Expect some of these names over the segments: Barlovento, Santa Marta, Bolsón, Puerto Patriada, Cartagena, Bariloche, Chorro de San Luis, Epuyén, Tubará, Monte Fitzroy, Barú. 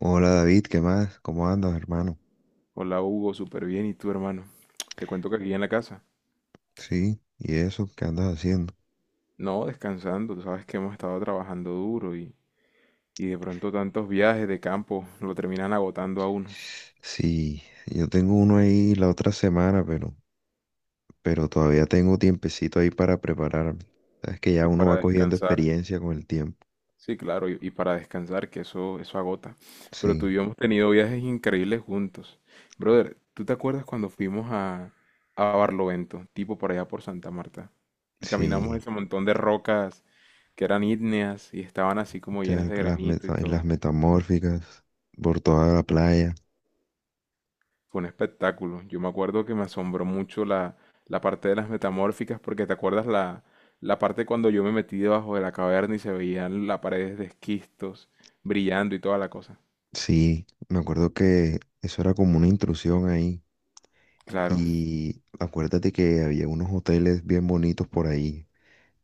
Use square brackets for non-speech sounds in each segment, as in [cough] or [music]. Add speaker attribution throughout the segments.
Speaker 1: Hola David, ¿qué más? ¿Cómo andas, hermano?
Speaker 2: Hola Hugo, súper bien. ¿Y tú, hermano? Te cuento que aquí en la casa.
Speaker 1: Sí, ¿y eso? ¿Qué andas haciendo?
Speaker 2: No, descansando. Tú sabes que hemos estado trabajando duro y de pronto tantos viajes de campo lo terminan agotando a uno.
Speaker 1: Sí, yo tengo uno ahí la otra semana, pero todavía tengo tiempecito ahí para prepararme. Sabes que ya
Speaker 2: Y
Speaker 1: uno va
Speaker 2: para
Speaker 1: cogiendo
Speaker 2: descansar,
Speaker 1: experiencia con el tiempo.
Speaker 2: sí, claro, y para descansar, que eso agota. Pero tú
Speaker 1: Sí,
Speaker 2: y yo hemos tenido viajes increíbles juntos. Brother, ¿tú te acuerdas cuando fuimos a Barlovento, tipo por allá por Santa Marta? Y caminamos
Speaker 1: sí,
Speaker 2: ese montón de rocas que eran ígneas y estaban así como llenas de granito y
Speaker 1: las
Speaker 2: todo.
Speaker 1: metamórficas por toda la playa.
Speaker 2: Fue un espectáculo. Yo me acuerdo que me asombró mucho la parte de las metamórficas, porque te acuerdas la parte cuando yo me metí debajo de la caverna y se veían las paredes de esquistos brillando y toda la cosa.
Speaker 1: Sí, me acuerdo que eso era como una intrusión ahí.
Speaker 2: Claro,
Speaker 1: Y acuérdate que había unos hoteles bien bonitos por ahí.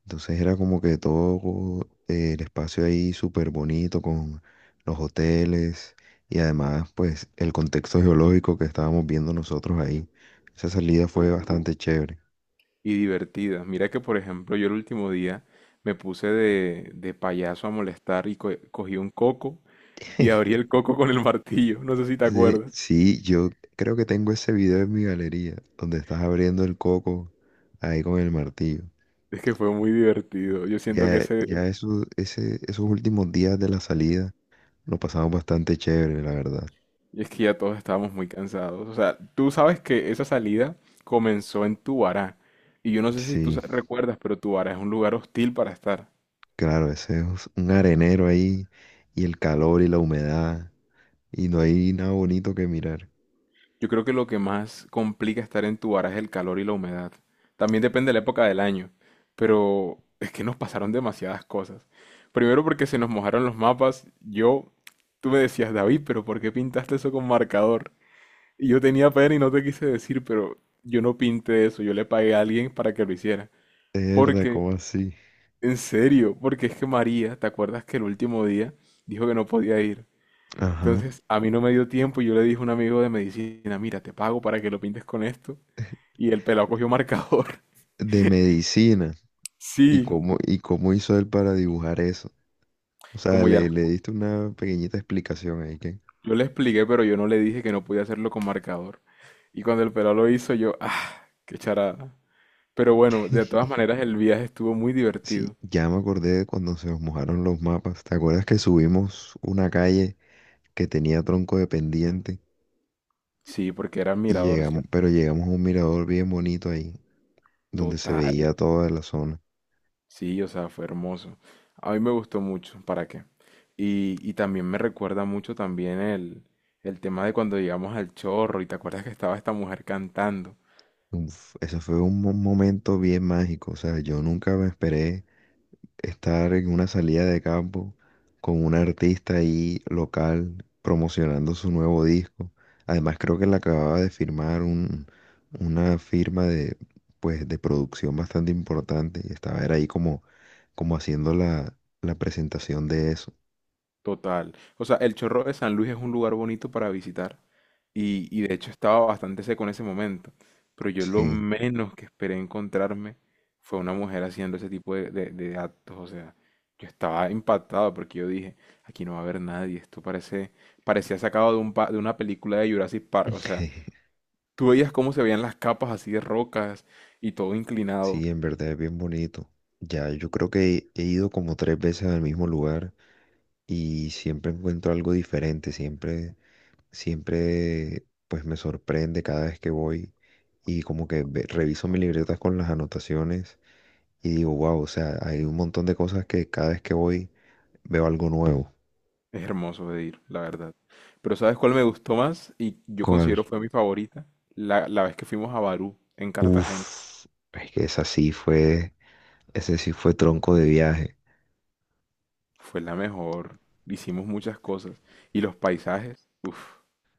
Speaker 1: Entonces era como que todo el espacio ahí súper bonito con los hoteles y además pues el contexto geológico que estábamos viendo nosotros ahí. Esa salida fue bastante chévere.
Speaker 2: y divertida. Mira que, por ejemplo, yo el último día me puse de payaso a molestar y cogí un coco y abrí
Speaker 1: [laughs]
Speaker 2: el coco con el martillo. No sé si te
Speaker 1: Sí,
Speaker 2: acuerdas.
Speaker 1: sí, yo creo que tengo ese video en mi galería donde estás abriendo el coco ahí con el martillo.
Speaker 2: Es que fue muy divertido. Yo siento que
Speaker 1: Ya,
Speaker 2: ese.
Speaker 1: ya eso, ese, esos últimos días de la salida lo pasamos bastante chévere, la verdad.
Speaker 2: Y es que ya todos estábamos muy cansados. O sea, tú sabes que esa salida comenzó en Tubará. Y yo no sé si tú
Speaker 1: Sí.
Speaker 2: recuerdas, pero Tubará es un lugar hostil para estar.
Speaker 1: Claro, ese es un arenero ahí y el calor y la humedad y no hay nada bonito que mirar.
Speaker 2: Yo creo que lo que más complica estar en Tubará es el calor y la humedad. También depende de la época del año. Pero es que nos pasaron demasiadas cosas. Primero porque se nos mojaron los mapas. Yo, tú me decías, David, pero ¿por qué pintaste eso con marcador? Y yo tenía pena y no te quise decir, pero yo no pinté eso. Yo le pagué a alguien para que lo hiciera.
Speaker 1: Verdad,
Speaker 2: Porque...
Speaker 1: ¿cómo así?
Speaker 2: En serio, porque es que María, ¿te acuerdas que el último día dijo que no podía ir?
Speaker 1: Ajá.
Speaker 2: Entonces, a mí no me dio tiempo y yo le dije a un amigo de medicina, mira, te pago para que lo pintes con esto. Y el pelado cogió marcador. [laughs]
Speaker 1: De medicina. ¿Y
Speaker 2: Sí,
Speaker 1: cómo, y cómo hizo él para dibujar eso? O sea,
Speaker 2: como ya
Speaker 1: le,
Speaker 2: la-
Speaker 1: le diste una pequeñita explicación ahí que...
Speaker 2: yo le expliqué, pero yo no le dije que no podía hacerlo con marcador. Y cuando el pelado lo hizo, yo, ah, qué charada. Pero bueno, de todas
Speaker 1: [laughs]
Speaker 2: maneras, el viaje estuvo muy divertido.
Speaker 1: Sí, ya me acordé de cuando se nos mojaron los mapas. ¿Te acuerdas que subimos una calle que tenía tronco de pendiente
Speaker 2: Sí, porque era
Speaker 1: y
Speaker 2: mirador,
Speaker 1: llegamos,
Speaker 2: ¿cierto?
Speaker 1: pero llegamos a un mirador bien bonito ahí, donde se
Speaker 2: Total.
Speaker 1: veía toda la zona?
Speaker 2: Sí, o sea, fue hermoso. A mí me gustó mucho, ¿para qué? Y también me recuerda mucho también el tema de cuando llegamos al Chorro y te acuerdas que estaba esta mujer cantando.
Speaker 1: Uf, eso fue un momento bien mágico, o sea, yo nunca me esperé estar en una salida de campo con un artista ahí local promocionando su nuevo disco. Además, creo que le acababa de firmar una firma de, pues, de producción bastante importante y estaba era ahí como, como haciendo la presentación de eso.
Speaker 2: Total. O sea, el Chorro de San Luis es un lugar bonito para visitar. Y de hecho estaba bastante seco en ese momento. Pero yo lo
Speaker 1: Sí.
Speaker 2: menos que esperé encontrarme fue una mujer haciendo ese tipo de actos. O sea, yo estaba impactado porque yo dije, aquí no va a haber nadie. Esto parece, parecía sacado de de una película de Jurassic Park. O sea,
Speaker 1: [laughs]
Speaker 2: tú veías cómo se veían las capas así de rocas y todo inclinado.
Speaker 1: Sí, en verdad es bien bonito. Ya, yo creo que he ido como tres veces al mismo lugar. Y siempre encuentro algo diferente, siempre, siempre pues me sorprende cada vez que voy y como que reviso mi libreta con las anotaciones y digo, wow, o sea, hay un montón de cosas que cada vez que voy veo algo nuevo.
Speaker 2: Es hermoso de ir, la verdad. Pero ¿sabes cuál me gustó más? Y yo
Speaker 1: ¿Cuál?
Speaker 2: considero fue mi favorita. La vez que fuimos a Barú, en Cartagena.
Speaker 1: Uf, es que esa sí fue, ese sí fue tronco de viaje,
Speaker 2: Fue la mejor. Hicimos muchas cosas. Y los paisajes, uff,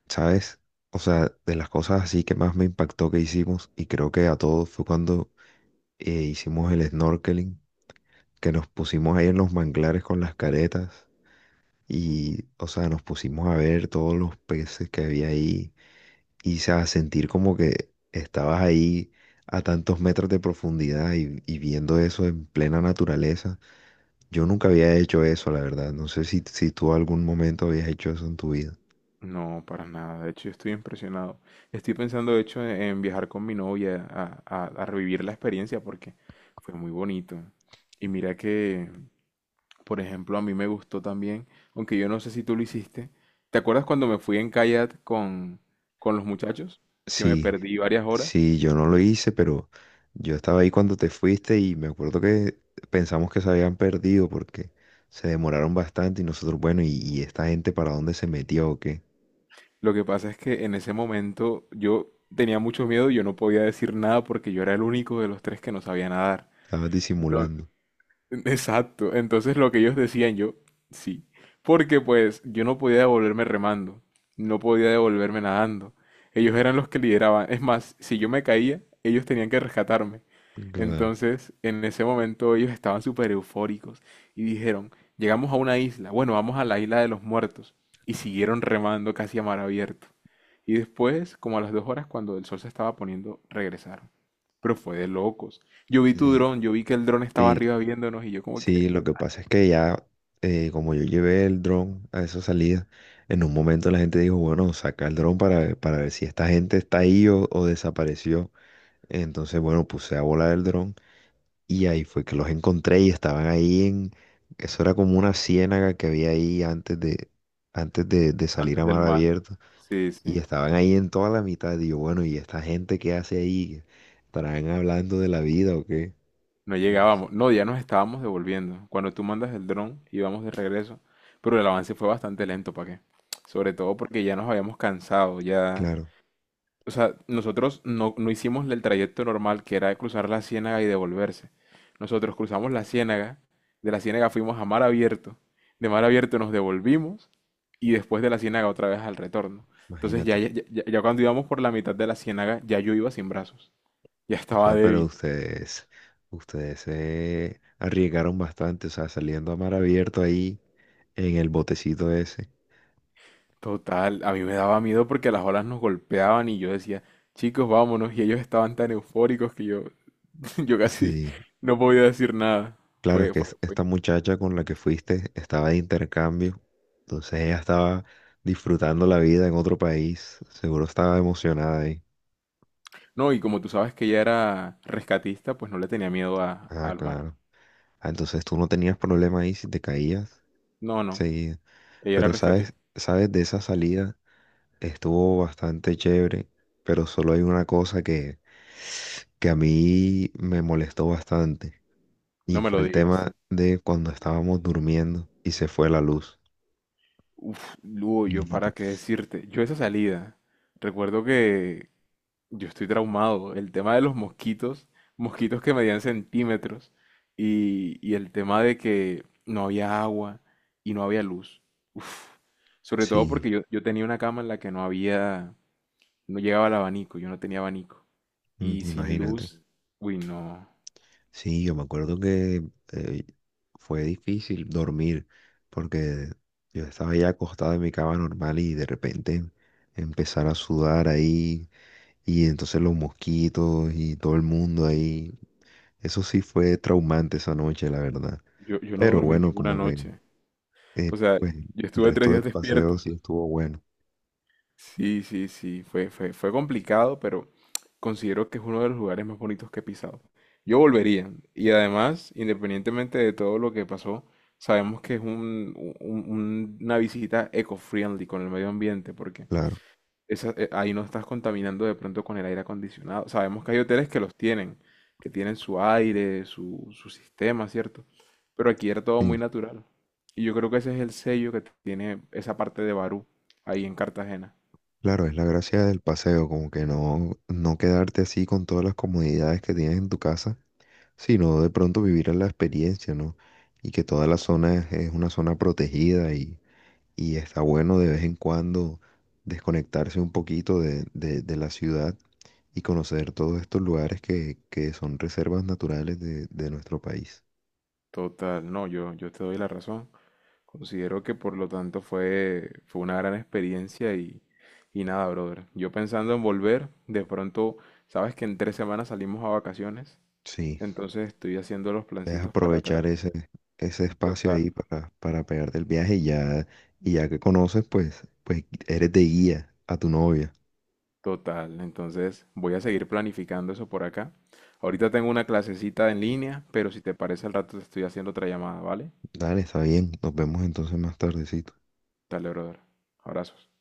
Speaker 1: ¿sabes? O sea, de las cosas así que más me impactó que hicimos y creo que a todos fue cuando hicimos el snorkeling que nos pusimos ahí en los manglares con las caretas. Y, o sea, nos pusimos a ver todos los peces que había ahí y, o sea, sentir como que estabas ahí a tantos metros de profundidad y viendo eso en plena naturaleza. Yo nunca había hecho eso, la verdad. No sé si tú algún momento habías hecho eso en tu vida.
Speaker 2: no, para nada. De hecho, yo estoy impresionado. Estoy pensando, de hecho, en viajar con mi novia a revivir la experiencia porque fue muy bonito. Y mira que, por ejemplo, a mí me gustó también, aunque yo no sé si tú lo hiciste. ¿Te acuerdas cuando me fui en kayak con los muchachos? Que me
Speaker 1: Sí,
Speaker 2: perdí varias horas.
Speaker 1: sí, yo no lo hice, pero yo estaba ahí cuando te fuiste y me acuerdo que pensamos que se habían perdido porque se demoraron bastante y nosotros, bueno, ¿y esta gente para dónde se metió o qué?
Speaker 2: Lo que pasa es que en ese momento yo tenía mucho miedo y yo no podía decir nada porque yo era el único de los tres que no sabía nadar.
Speaker 1: Estabas disimulando.
Speaker 2: Exacto. Entonces lo que ellos decían yo, sí. Porque pues yo no podía devolverme remando, no podía devolverme nadando. Ellos eran los que lideraban. Es más, si yo me caía, ellos tenían que rescatarme.
Speaker 1: Claro.
Speaker 2: Entonces, en ese momento ellos estaban súper eufóricos y dijeron, llegamos a una isla, bueno, vamos a la isla de los muertos. Y siguieron remando casi a mar abierto. Y después, como a las 2 horas, cuando el sol se estaba poniendo, regresaron. Pero fue de locos. Yo vi tu
Speaker 1: Eh,
Speaker 2: dron, yo vi que el dron estaba
Speaker 1: Sí,
Speaker 2: arriba viéndonos y yo como
Speaker 1: sí,
Speaker 2: que
Speaker 1: lo que pasa es que ya, como yo llevé el dron a esa salida, en un momento la gente dijo, bueno, saca el dron para, para ver si esta gente está ahí o desapareció. Entonces, bueno, puse a volar el dron y ahí fue que los encontré y estaban ahí en, eso era como una ciénaga que había ahí antes de salir
Speaker 2: antes
Speaker 1: a
Speaker 2: del
Speaker 1: mar
Speaker 2: mar.
Speaker 1: abierto
Speaker 2: Sí,
Speaker 1: y
Speaker 2: sí.
Speaker 1: estaban ahí en toda la mitad. Y yo, bueno, ¿y esta gente qué hace ahí? ¿Estarán hablando de la vida o qué?
Speaker 2: No
Speaker 1: Y no.
Speaker 2: llegábamos. No, ya nos estábamos devolviendo. Cuando tú mandas el dron, íbamos de regreso. Pero el avance fue bastante lento, ¿para qué? Sobre todo porque ya nos habíamos cansado, ya.
Speaker 1: Claro.
Speaker 2: O sea, nosotros no, no hicimos el trayecto normal que era cruzar la ciénaga y devolverse. Nosotros cruzamos la ciénaga, de la ciénaga fuimos a mar abierto, de mar abierto nos devolvimos y después de la ciénaga otra vez al retorno. Entonces ya,
Speaker 1: Imagínate.
Speaker 2: ya, ya- ya cuando íbamos por la mitad de la ciénaga, ya yo iba sin brazos, ya
Speaker 1: O
Speaker 2: estaba
Speaker 1: sea,
Speaker 2: débil.
Speaker 1: ustedes se arriesgaron bastante, o sea, saliendo a mar abierto ahí en el botecito ese.
Speaker 2: Total, a mí me daba miedo porque las olas nos golpeaban y yo decía, chicos, vámonos, y ellos estaban tan eufóricos que yo, [laughs] yo casi
Speaker 1: Sí.
Speaker 2: no podía decir nada.
Speaker 1: Claro, es
Speaker 2: Fue,
Speaker 1: que
Speaker 2: fue, fue
Speaker 1: esta muchacha con la que fuiste estaba de intercambio, entonces ella estaba disfrutando la vida en otro país, seguro estaba emocionada ahí.
Speaker 2: No, y como tú sabes que ella era rescatista, pues no le tenía miedo a,
Speaker 1: Ah,
Speaker 2: al mar.
Speaker 1: claro. Ah, entonces tú no tenías problema ahí si te caías.
Speaker 2: No, no,
Speaker 1: Sí,
Speaker 2: ella era
Speaker 1: pero sabes,
Speaker 2: rescatista.
Speaker 1: sabes de esa salida. Estuvo bastante chévere, pero solo hay una cosa que a mí me molestó bastante y
Speaker 2: No me
Speaker 1: fue
Speaker 2: lo
Speaker 1: el
Speaker 2: digas.
Speaker 1: tema de cuando estábamos durmiendo y se fue la luz.
Speaker 2: Uf, Lugo, yo
Speaker 1: Imagínate.
Speaker 2: para qué decirte. Yo esa salida, recuerdo que yo estoy traumado. El tema de los mosquitos, mosquitos que medían centímetros, y el tema de que no había agua y no había luz. Uf, sobre todo
Speaker 1: Sí,
Speaker 2: porque yo tenía una cama en la que no había, no llegaba el abanico, yo no tenía abanico.
Speaker 1: mm,
Speaker 2: Y sin
Speaker 1: imagínate.
Speaker 2: luz, uy, no.
Speaker 1: Sí, yo me acuerdo que eh, fue difícil dormir porque yo estaba ya acostado en mi cama normal y de repente empezar a sudar ahí y entonces los mosquitos y todo el mundo ahí. Eso sí fue traumante esa noche, la verdad.
Speaker 2: Yo no
Speaker 1: Pero
Speaker 2: dormí
Speaker 1: bueno,
Speaker 2: ninguna
Speaker 1: como que
Speaker 2: noche. O sea,
Speaker 1: pues,
Speaker 2: yo
Speaker 1: el
Speaker 2: estuve tres
Speaker 1: resto
Speaker 2: días
Speaker 1: del
Speaker 2: despierto.
Speaker 1: paseo sí estuvo bueno,
Speaker 2: Sí, sí, sí, fue complicado, pero considero que es uno de los lugares más bonitos que he pisado. Yo volvería. Y además, independientemente de todo lo que pasó, sabemos que es una visita eco-friendly con el medio ambiente, porque
Speaker 1: claro.
Speaker 2: ahí no estás contaminando de pronto con el aire acondicionado. Sabemos que hay hoteles que los tienen, que tienen su aire, su sistema, ¿cierto? Pero aquí era todo
Speaker 1: Sí,
Speaker 2: muy natural. Y yo creo que ese es el sello que tiene esa parte de Barú, ahí en Cartagena.
Speaker 1: claro, es la gracia del paseo, como que no, no quedarte así con todas las comodidades que tienes en tu casa, sino de pronto vivir la experiencia, ¿no? Y que toda la zona es una zona protegida y está bueno de vez en cuando desconectarse un poquito de la ciudad y conocer todos estos lugares que son reservas naturales de nuestro país.
Speaker 2: Total, no, yo te doy la razón. Considero que por lo tanto fue una gran experiencia y nada, brother. Yo pensando en volver, de pronto, sabes que en 3 semanas salimos a vacaciones,
Speaker 1: Sí,
Speaker 2: entonces estoy haciendo los
Speaker 1: debes
Speaker 2: plancitos para atrás.
Speaker 1: aprovechar ese espacio
Speaker 2: Total.
Speaker 1: ahí para pegarte el viaje y ya que conoces, pues eres de guía a tu novia.
Speaker 2: Total, entonces voy a seguir planificando eso por acá. Ahorita tengo una clasecita en línea, pero si te parece al rato te estoy haciendo otra llamada, ¿vale?
Speaker 1: Dale, está bien, nos vemos entonces más tardecito.
Speaker 2: Dale, brother. Abrazos.